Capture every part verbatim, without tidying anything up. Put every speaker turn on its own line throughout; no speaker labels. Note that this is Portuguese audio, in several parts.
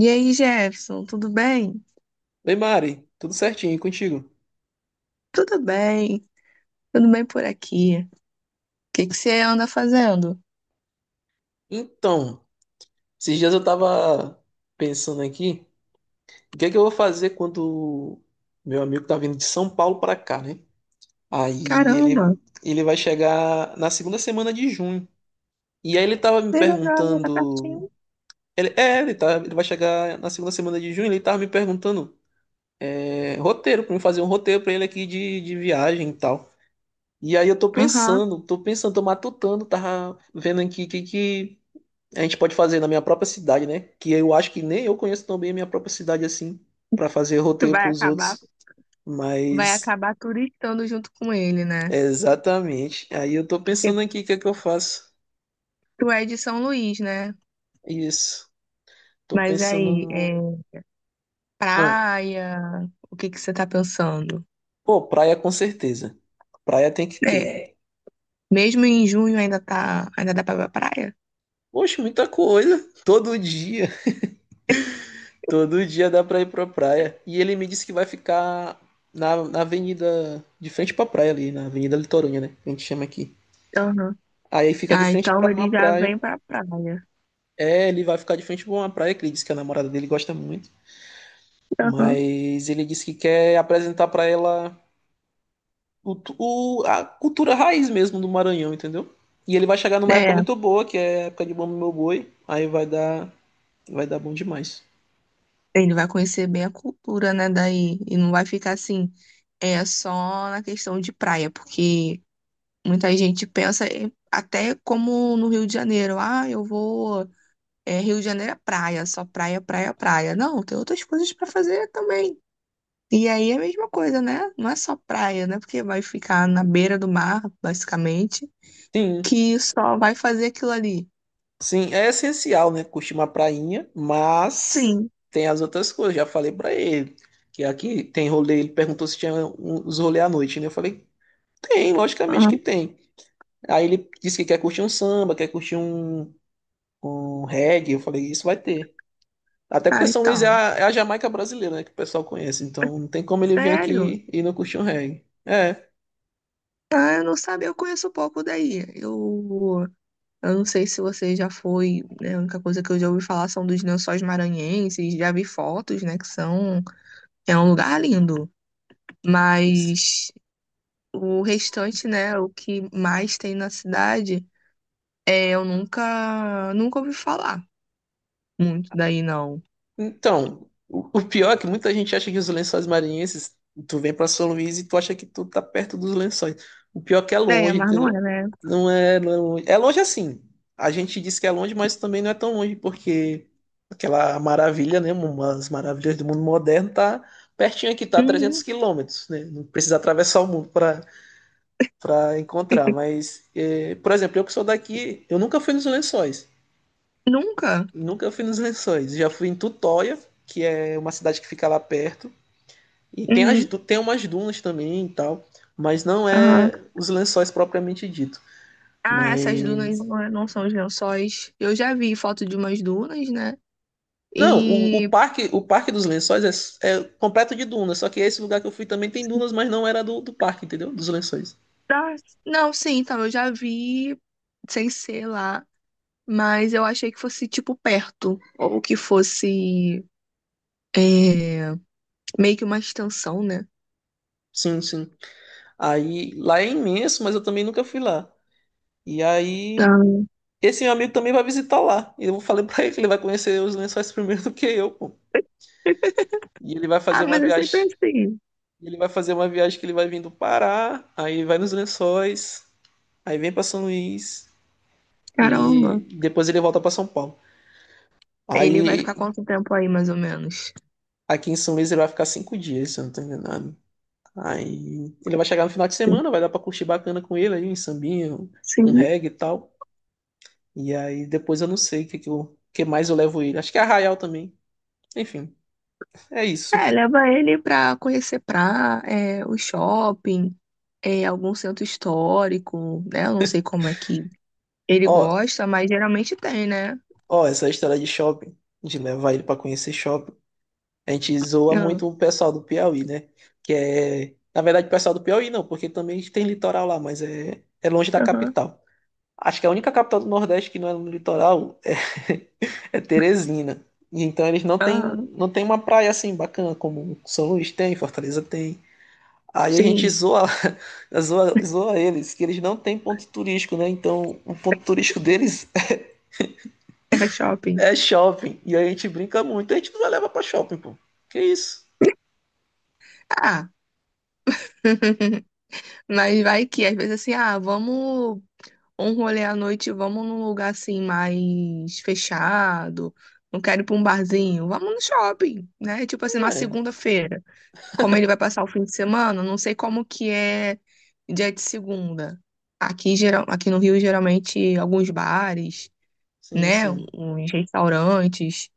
E aí, Jefferson, tudo bem?
Oi, Mari, tudo certinho e contigo?
Tudo bem, tudo bem por aqui. O que que você anda fazendo?
Então, esses dias eu tava pensando aqui, o que é que eu vou fazer quando meu amigo tá vindo de São Paulo pra cá, né? Aí
Caramba,
ele, ele vai chegar na segunda semana de junho. E aí ele tava me
que legal, tá
perguntando.
pertinho.
Ele, é, ele, tá, ele vai chegar na segunda semana de junho, ele tava me perguntando é, roteiro, pra mim fazer um roteiro pra ele aqui de, de viagem e tal. E aí eu tô
Aham.
pensando, tô pensando, tô matutando, tava vendo aqui o que que a gente pode fazer na minha própria cidade, né? Que eu acho que nem eu conheço tão bem a minha própria cidade assim, pra fazer roteiro
Vai
pros
acabar,
outros.
vai
Mas,
acabar turistando junto com ele, né?
é, exatamente. Aí eu tô
Porque
pensando aqui o que é que eu faço.
tu é de São Luís, né?
Isso. Tô
Mas
pensando
aí, é
no. Ah,
praia, o que que você tá pensando?
pô, praia com certeza. Praia tem que
É,
ter.
mesmo em junho ainda tá, ainda dá pra ir pra praia?
Poxa, muita coisa. Todo dia. Todo dia dá pra ir pra praia. E ele me disse que vai ficar na, na avenida, de frente pra praia ali, na Avenida Litorânea, né? Que a gente chama aqui.
Aham.
Aí fica de
Ah,
frente
então
pra uma
ele já vem
praia.
pra praia.
É, ele vai ficar de frente pra uma praia que ele disse que a namorada dele gosta muito.
Aham.
Mas ele disse que quer apresentar pra ela o, o- a cultura raiz mesmo do Maranhão, entendeu? E ele vai chegar numa época
É.
muito boa, que é a época de Bom Meu Boi. Aí vai dar, vai dar bom demais.
Ele vai conhecer bem a cultura, né, daí, e não vai ficar assim, é só na questão de praia, porque muita gente pensa em- até como no Rio de Janeiro, ah, eu vou, é, Rio de Janeiro é praia, só praia, praia, praia. Não, tem outras coisas para fazer também. E aí é a mesma coisa, né? Não é só praia, né? Porque vai ficar na beira do mar, basicamente,
Sim,
que só vai fazer aquilo ali.
sim, é essencial, né? Curtir uma prainha, mas
Sim.
tem as outras coisas. Já falei pra ele que aqui tem rolê. Ele perguntou se tinha um- os rolê à noite, né? Eu falei, tem, logicamente que
Aham.
tem. Aí ele disse que quer curtir um samba, quer curtir um, um reggae. Eu falei, isso vai ter. Até porque
Ah,
São Luís é
então.
a, é a Jamaica brasileira, né? Que o pessoal conhece. Então não tem como ele vir
Sério?
aqui e não curtir um reggae. É.
Ah, eu não sabia, eu conheço pouco daí. Eu Eu não sei se você já foi, né, a única coisa que eu já ouvi falar são dos Lençóis Maranhenses, já vi fotos, né, que são, é um lugar lindo, mas o restante, né, o que mais tem na cidade, é, eu nunca, nunca ouvi falar muito daí, não.
Então, o o pior é que muita gente acha que os lençóis maranhenses, tu vem pra São Luís e tu acha que tu tá perto dos lençóis. O pior é que é
É,
longe,
mas não é,
entendeu?
né?
Não é, não é longe. É longe assim. A gente diz que é longe, mas também não é tão longe, porque aquela maravilha, né? Umas maravilhas do mundo moderno tá pertinho aqui, tá a trezentos
Uhum.
quilômetros, né? Não precisa atravessar o mundo pra, pra encontrar. Mas, é, por exemplo, eu que sou daqui, eu nunca fui nos lençóis.
Nunca?
Nunca fui nos Lençóis. Já fui em Tutóia, que é uma cidade que fica lá perto. E tem, as,
Uhum.
tem umas dunas também e tal. Mas não
Aham.
é os Lençóis propriamente dito.
Ah, essas dunas
Mas.
não é- não são os lençóis. Eu já vi foto de umas dunas, né?
Não, o, o
E
parque o parque dos Lençóis é, é completo de dunas. Só que esse lugar que eu fui também tem dunas, mas não era do, do parque, entendeu? Dos Lençóis.
Ah, não, sim, então eu já vi sem ser lá, mas eu achei que fosse tipo perto, ou que fosse é, meio que uma extensão, né?
Sim, sim. Aí lá é imenso, mas eu também nunca fui lá. E aí.
Ah,
Esse meu amigo também vai visitar lá. E eu falei pra ele que ele vai conhecer os lençóis primeiro do que eu, pô. E ele vai
Ah,
fazer uma
mas eu sempre
viagem.
assim,
E Ele vai fazer uma viagem que ele vai vir do Pará, aí vai nos Lençóis, aí vem para São Luís
caramba.
e depois ele volta para São Paulo.
Ele vai
Aí
ficar quanto tempo aí, mais ou menos?
aqui em São Luís ele vai ficar cinco dias, se eu não tô enganado. Aí ele vai chegar no final de semana, vai dar para curtir bacana com ele aí, um sambinho, um um
Sim.
reggae e tal. E aí depois eu não sei o que, que, eu- que mais eu levo ele. Acho que é Arraial também. Enfim, é isso.
É, leva ele pra conhecer pra, é, o shopping, é, algum centro histórico, né? Eu não sei como é que ele
Ó,
gosta, mas geralmente tem, né?
ó, essa história de shopping, de levar ele para conhecer shopping. A gente zoa
Ah,
muito o pessoal do Piauí, né? Que é. Na verdade, o pessoal do Piauí não, porque também tem litoral lá, mas é, é longe da
aham,
capital. Acho que a única capital do Nordeste que não é no litoral é, é Teresina. E então eles não têm
aham,
não tem uma praia assim bacana, como São Luís tem, Fortaleza tem. Aí a gente
sim.
zoa, zoa, zoa eles, que eles não têm ponto turístico, né? Então o ponto turístico deles
É shopping.
é shopping. E aí a gente brinca muito, a gente não vai levar pra shopping, pô. Que isso?
Ah, mas vai que às vezes assim, ah, vamos um rolê à noite, vamos num lugar assim mais fechado. Não quero ir pra um barzinho, vamos no shopping, né? Tipo assim, na
É,
segunda-feira. Como ele vai passar o fim de semana, não sei como que é dia de segunda. Aqui, geral, aqui no Rio, geralmente, alguns bares,
sim,
né?
sim.
Uns restaurantes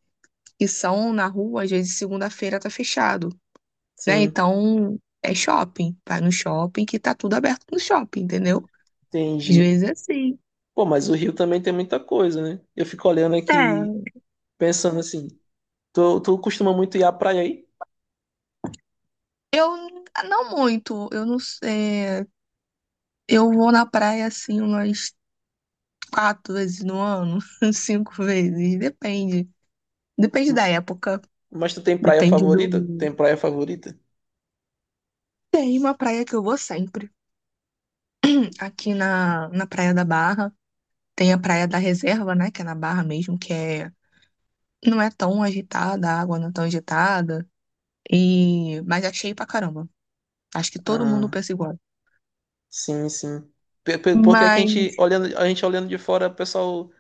que são na rua, às vezes segunda-feira tá fechado. Né?
Sim,
Então é shopping, vai no shopping que tá tudo aberto no shopping, entendeu? Às
entendi.
vezes é assim.
Pô, mas o Rio também tem muita coisa, né? Eu fico olhando aqui,
É.
pensando assim, tu, tu costuma muito ir à praia aí?
Eu n- não muito, eu não sei. Eu vou na praia assim umas quatro vezes no ano, cinco vezes, depende. Depende
M-
da época,
Mas tu tem praia
depende
favorita?
do.
Tem praia favorita?
Tem uma praia que eu vou sempre. Aqui na, na Praia da Barra, tem a Praia da Reserva, né? Que é na Barra mesmo, que é, não é tão agitada, a água não é tão agitada. E, mas é cheio pra caramba. Acho que todo mundo
Ah,
pensa igual.
sim, sim. Pe- pe- Porque aqui a
Mas
gente olhando, a gente olhando de fora, o pessoal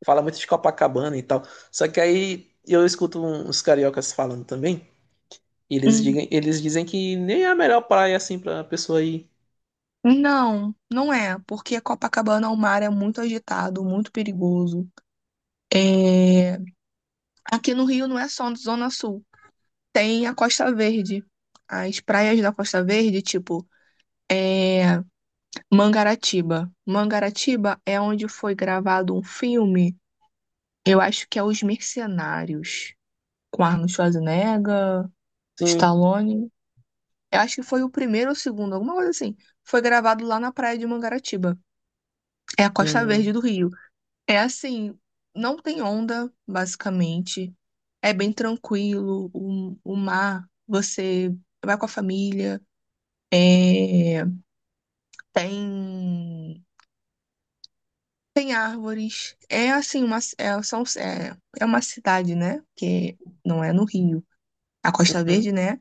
fala muito de Copacabana e tal. Só que aí eu escuto um, uns cariocas falando também, e eles
hum,
dizem, eles dizem que nem é a melhor praia assim pra pessoa ir.
não, não é, porque Copacabana, o mar é muito agitado, muito perigoso. É, aqui no Rio não é só Zona Sul, tem a Costa Verde. As praias da Costa Verde, tipo, é Mangaratiba. Mangaratiba é onde foi gravado um filme, eu acho que é Os Mercenários, com Arnold Schwarzenegger,
Sim.
Stallone. Eu acho que foi o primeiro ou o segundo, alguma coisa assim. Foi gravado lá na praia de Mangaratiba. É a Costa
Hum,
Verde do Rio. É assim, não tem onda, basicamente. É bem tranquilo. O, o mar, você vai com a família. É, tem tem árvores. É assim, uma, é, são, é, é uma cidade, né? Que não é no Rio. A Costa
uhum,
Verde, né?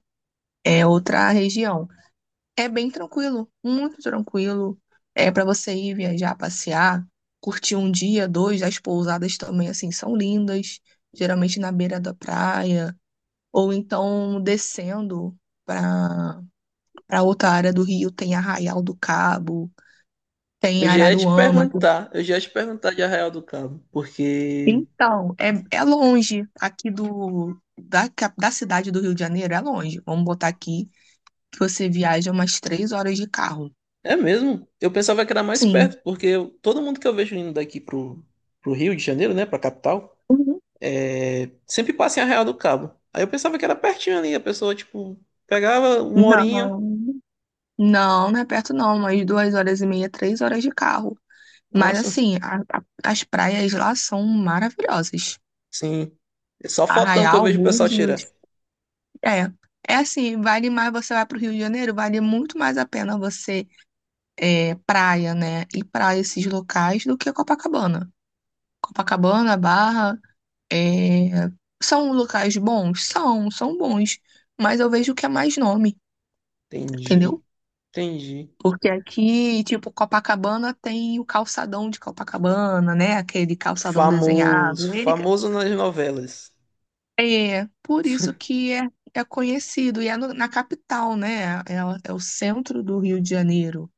É
uhum.
outra região. É bem tranquilo, muito tranquilo. É para você ir viajar, passear, curtir um dia, dois. As pousadas também, assim, são lindas, geralmente na beira da praia, ou então descendo para para outra área do Rio, tem Arraial do Cabo, tem
Eu já ia te
Araruama.
perguntar, eu já ia te perguntar de Arraial do Cabo, porque
Então, é, é longe aqui do da, cap- da cidade do Rio de Janeiro, é longe. Vamos botar aqui que você viaja umas três horas de carro.
é mesmo, eu pensava que era mais
Sim.
perto, porque eu- todo mundo que eu vejo indo daqui pro, pro Rio de Janeiro, né, pra capital,
Uhum.
é, sempre passa em Arraial do Cabo. Aí eu pensava que era pertinho ali, a pessoa, tipo, pegava uma horinha,
Não. Não, não é perto não, mas duas horas e meia, três horas de carro. Mas
nossa,
assim, a- a- as praias lá são maravilhosas.
sim, é só fotão que eu
Arraial,
vejo o pessoal tirar.
Búzios, é. É assim, vale mais você vai para o Rio de Janeiro, vale muito mais a pena você é, praia, né? Ir para esses locais do que Copacabana. Copacabana, Barra, é, são locais bons? São, são bons. Mas eu vejo que é mais nome,
Entendi,
entendeu?
entendi.
Porque aqui, tipo, Copacabana tem o calçadão de Copacabana, né? Aquele calçadão
Famoso,
desenhado. Ele
famoso nas novelas.
é por isso que é, é conhecido e é no- na capital, né? É, é o centro do Rio de Janeiro.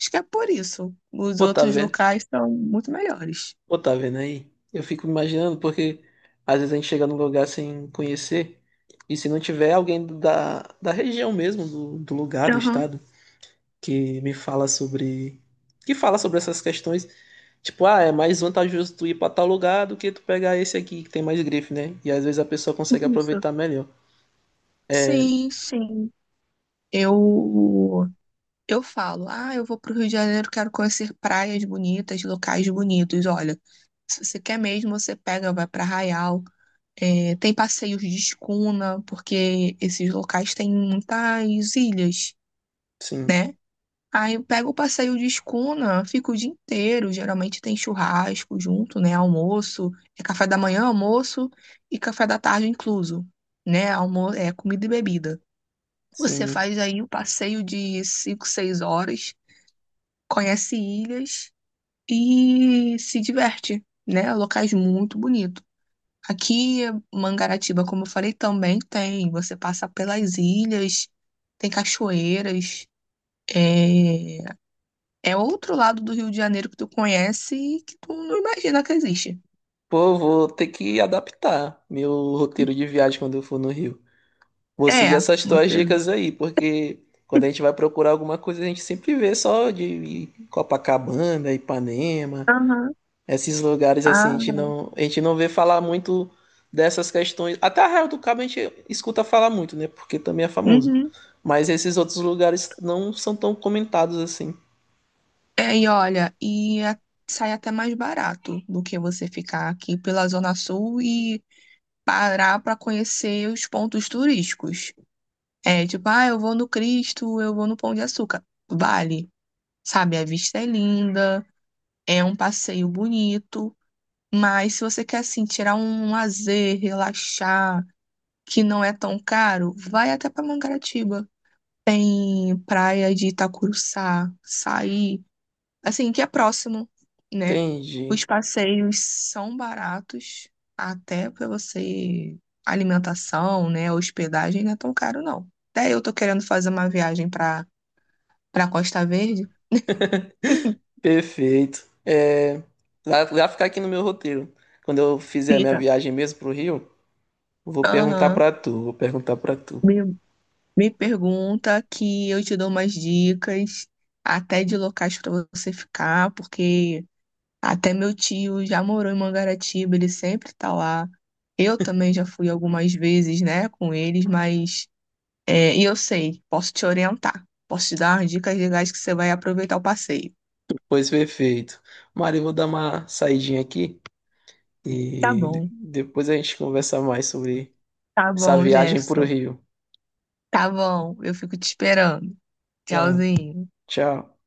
Acho que é por isso. Os
Pô, tá
outros
vendo?
locais são muito melhores.
Pô, tá vendo aí? Eu fico imaginando, porque às vezes a gente chega num lugar sem conhecer, e se não tiver alguém da, da região mesmo, do, do lugar, do
Aham,
estado, que me fala sobre. Que fala sobre essas questões, tipo, ah, é mais vantajoso tu ir pra tal lugar do que tu pegar esse aqui que tem mais grife, né? E às vezes a pessoa consegue
isso.
aproveitar melhor.
Sim, sim. Eu eu falo, ah, eu vou pro Rio de Janeiro, quero conhecer praias bonitas, locais bonitos. Olha, se você quer mesmo, você pega, vai para Arraial. É, tem passeios de escuna, porque esses locais têm muitas ilhas,
Sim,
né? Aí eu pego o passeio de escuna, fico o dia inteiro. Geralmente tem churrasco junto, né? Almoço, é café da manhã, almoço e café da tarde incluso, né? Almo É comida e bebida. Você
sim.
faz aí um passeio de cinco seis horas, conhece ilhas e se diverte, né? Locais muito bonitos. Aqui, Mangaratiba, como eu falei, também tem. Você passa pelas ilhas, tem cachoeiras. É, é outro lado do Rio de Janeiro que tu conhece e que tu não imagina que existe.
Pô, eu vou ter que adaptar meu roteiro de viagem quando eu for no Rio. Vou seguir
É,
essas tuas
você.
dicas aí, porque quando a gente vai procurar alguma coisa, a gente sempre vê só de Copacabana, Ipanema,
Aham,
esses lugares assim, a gente
ah,
não, a gente não vê falar muito dessas questões. Até Arraial do Cabo a gente escuta falar muito, né? Porque também é famoso.
uhum.
Mas esses outros lugares não são tão comentados assim.
É, e olha, e a- sai até mais barato do que você ficar aqui pela Zona Sul e parar para conhecer os pontos turísticos. É tipo, ah, eu vou no Cristo, eu vou no Pão de Açúcar. Vale. Sabe, a vista é linda, é um passeio bonito, mas se você quer assim tirar um lazer, relaxar, que não é tão caro, vai até para Mangaratiba. Tem praia de Itacuruçá, Saí, assim, que é próximo, né? Os
Entendi.
passeios são baratos, até para você alimentação, né, hospedagem não é tão caro não. Até eu tô querendo fazer uma viagem para para Costa Verde.
Perfeito. É, vai, vai ficar aqui no meu roteiro. Quando eu fizer a minha
Fica.
viagem mesmo pro Rio, vou perguntar
Aham.
pra tu, vou perguntar pra tu.
Me pergunta que eu te dou umas dicas, até de locais para você ficar, porque até meu tio já morou em Mangaratiba, ele sempre tá lá. Eu também já fui algumas vezes, né, com eles, mas é, e eu sei, posso te orientar, posso te dar umas dicas legais que você vai aproveitar o passeio.
Pois perfeito. Mari, eu vou dar uma saidinha aqui
Tá
e de-
bom,
depois a gente conversa mais sobre
tá
essa
bom,
viagem pro
Jefferson.
Rio.
Tá bom, eu fico te esperando.
Tá,
Tchauzinho.
tchau.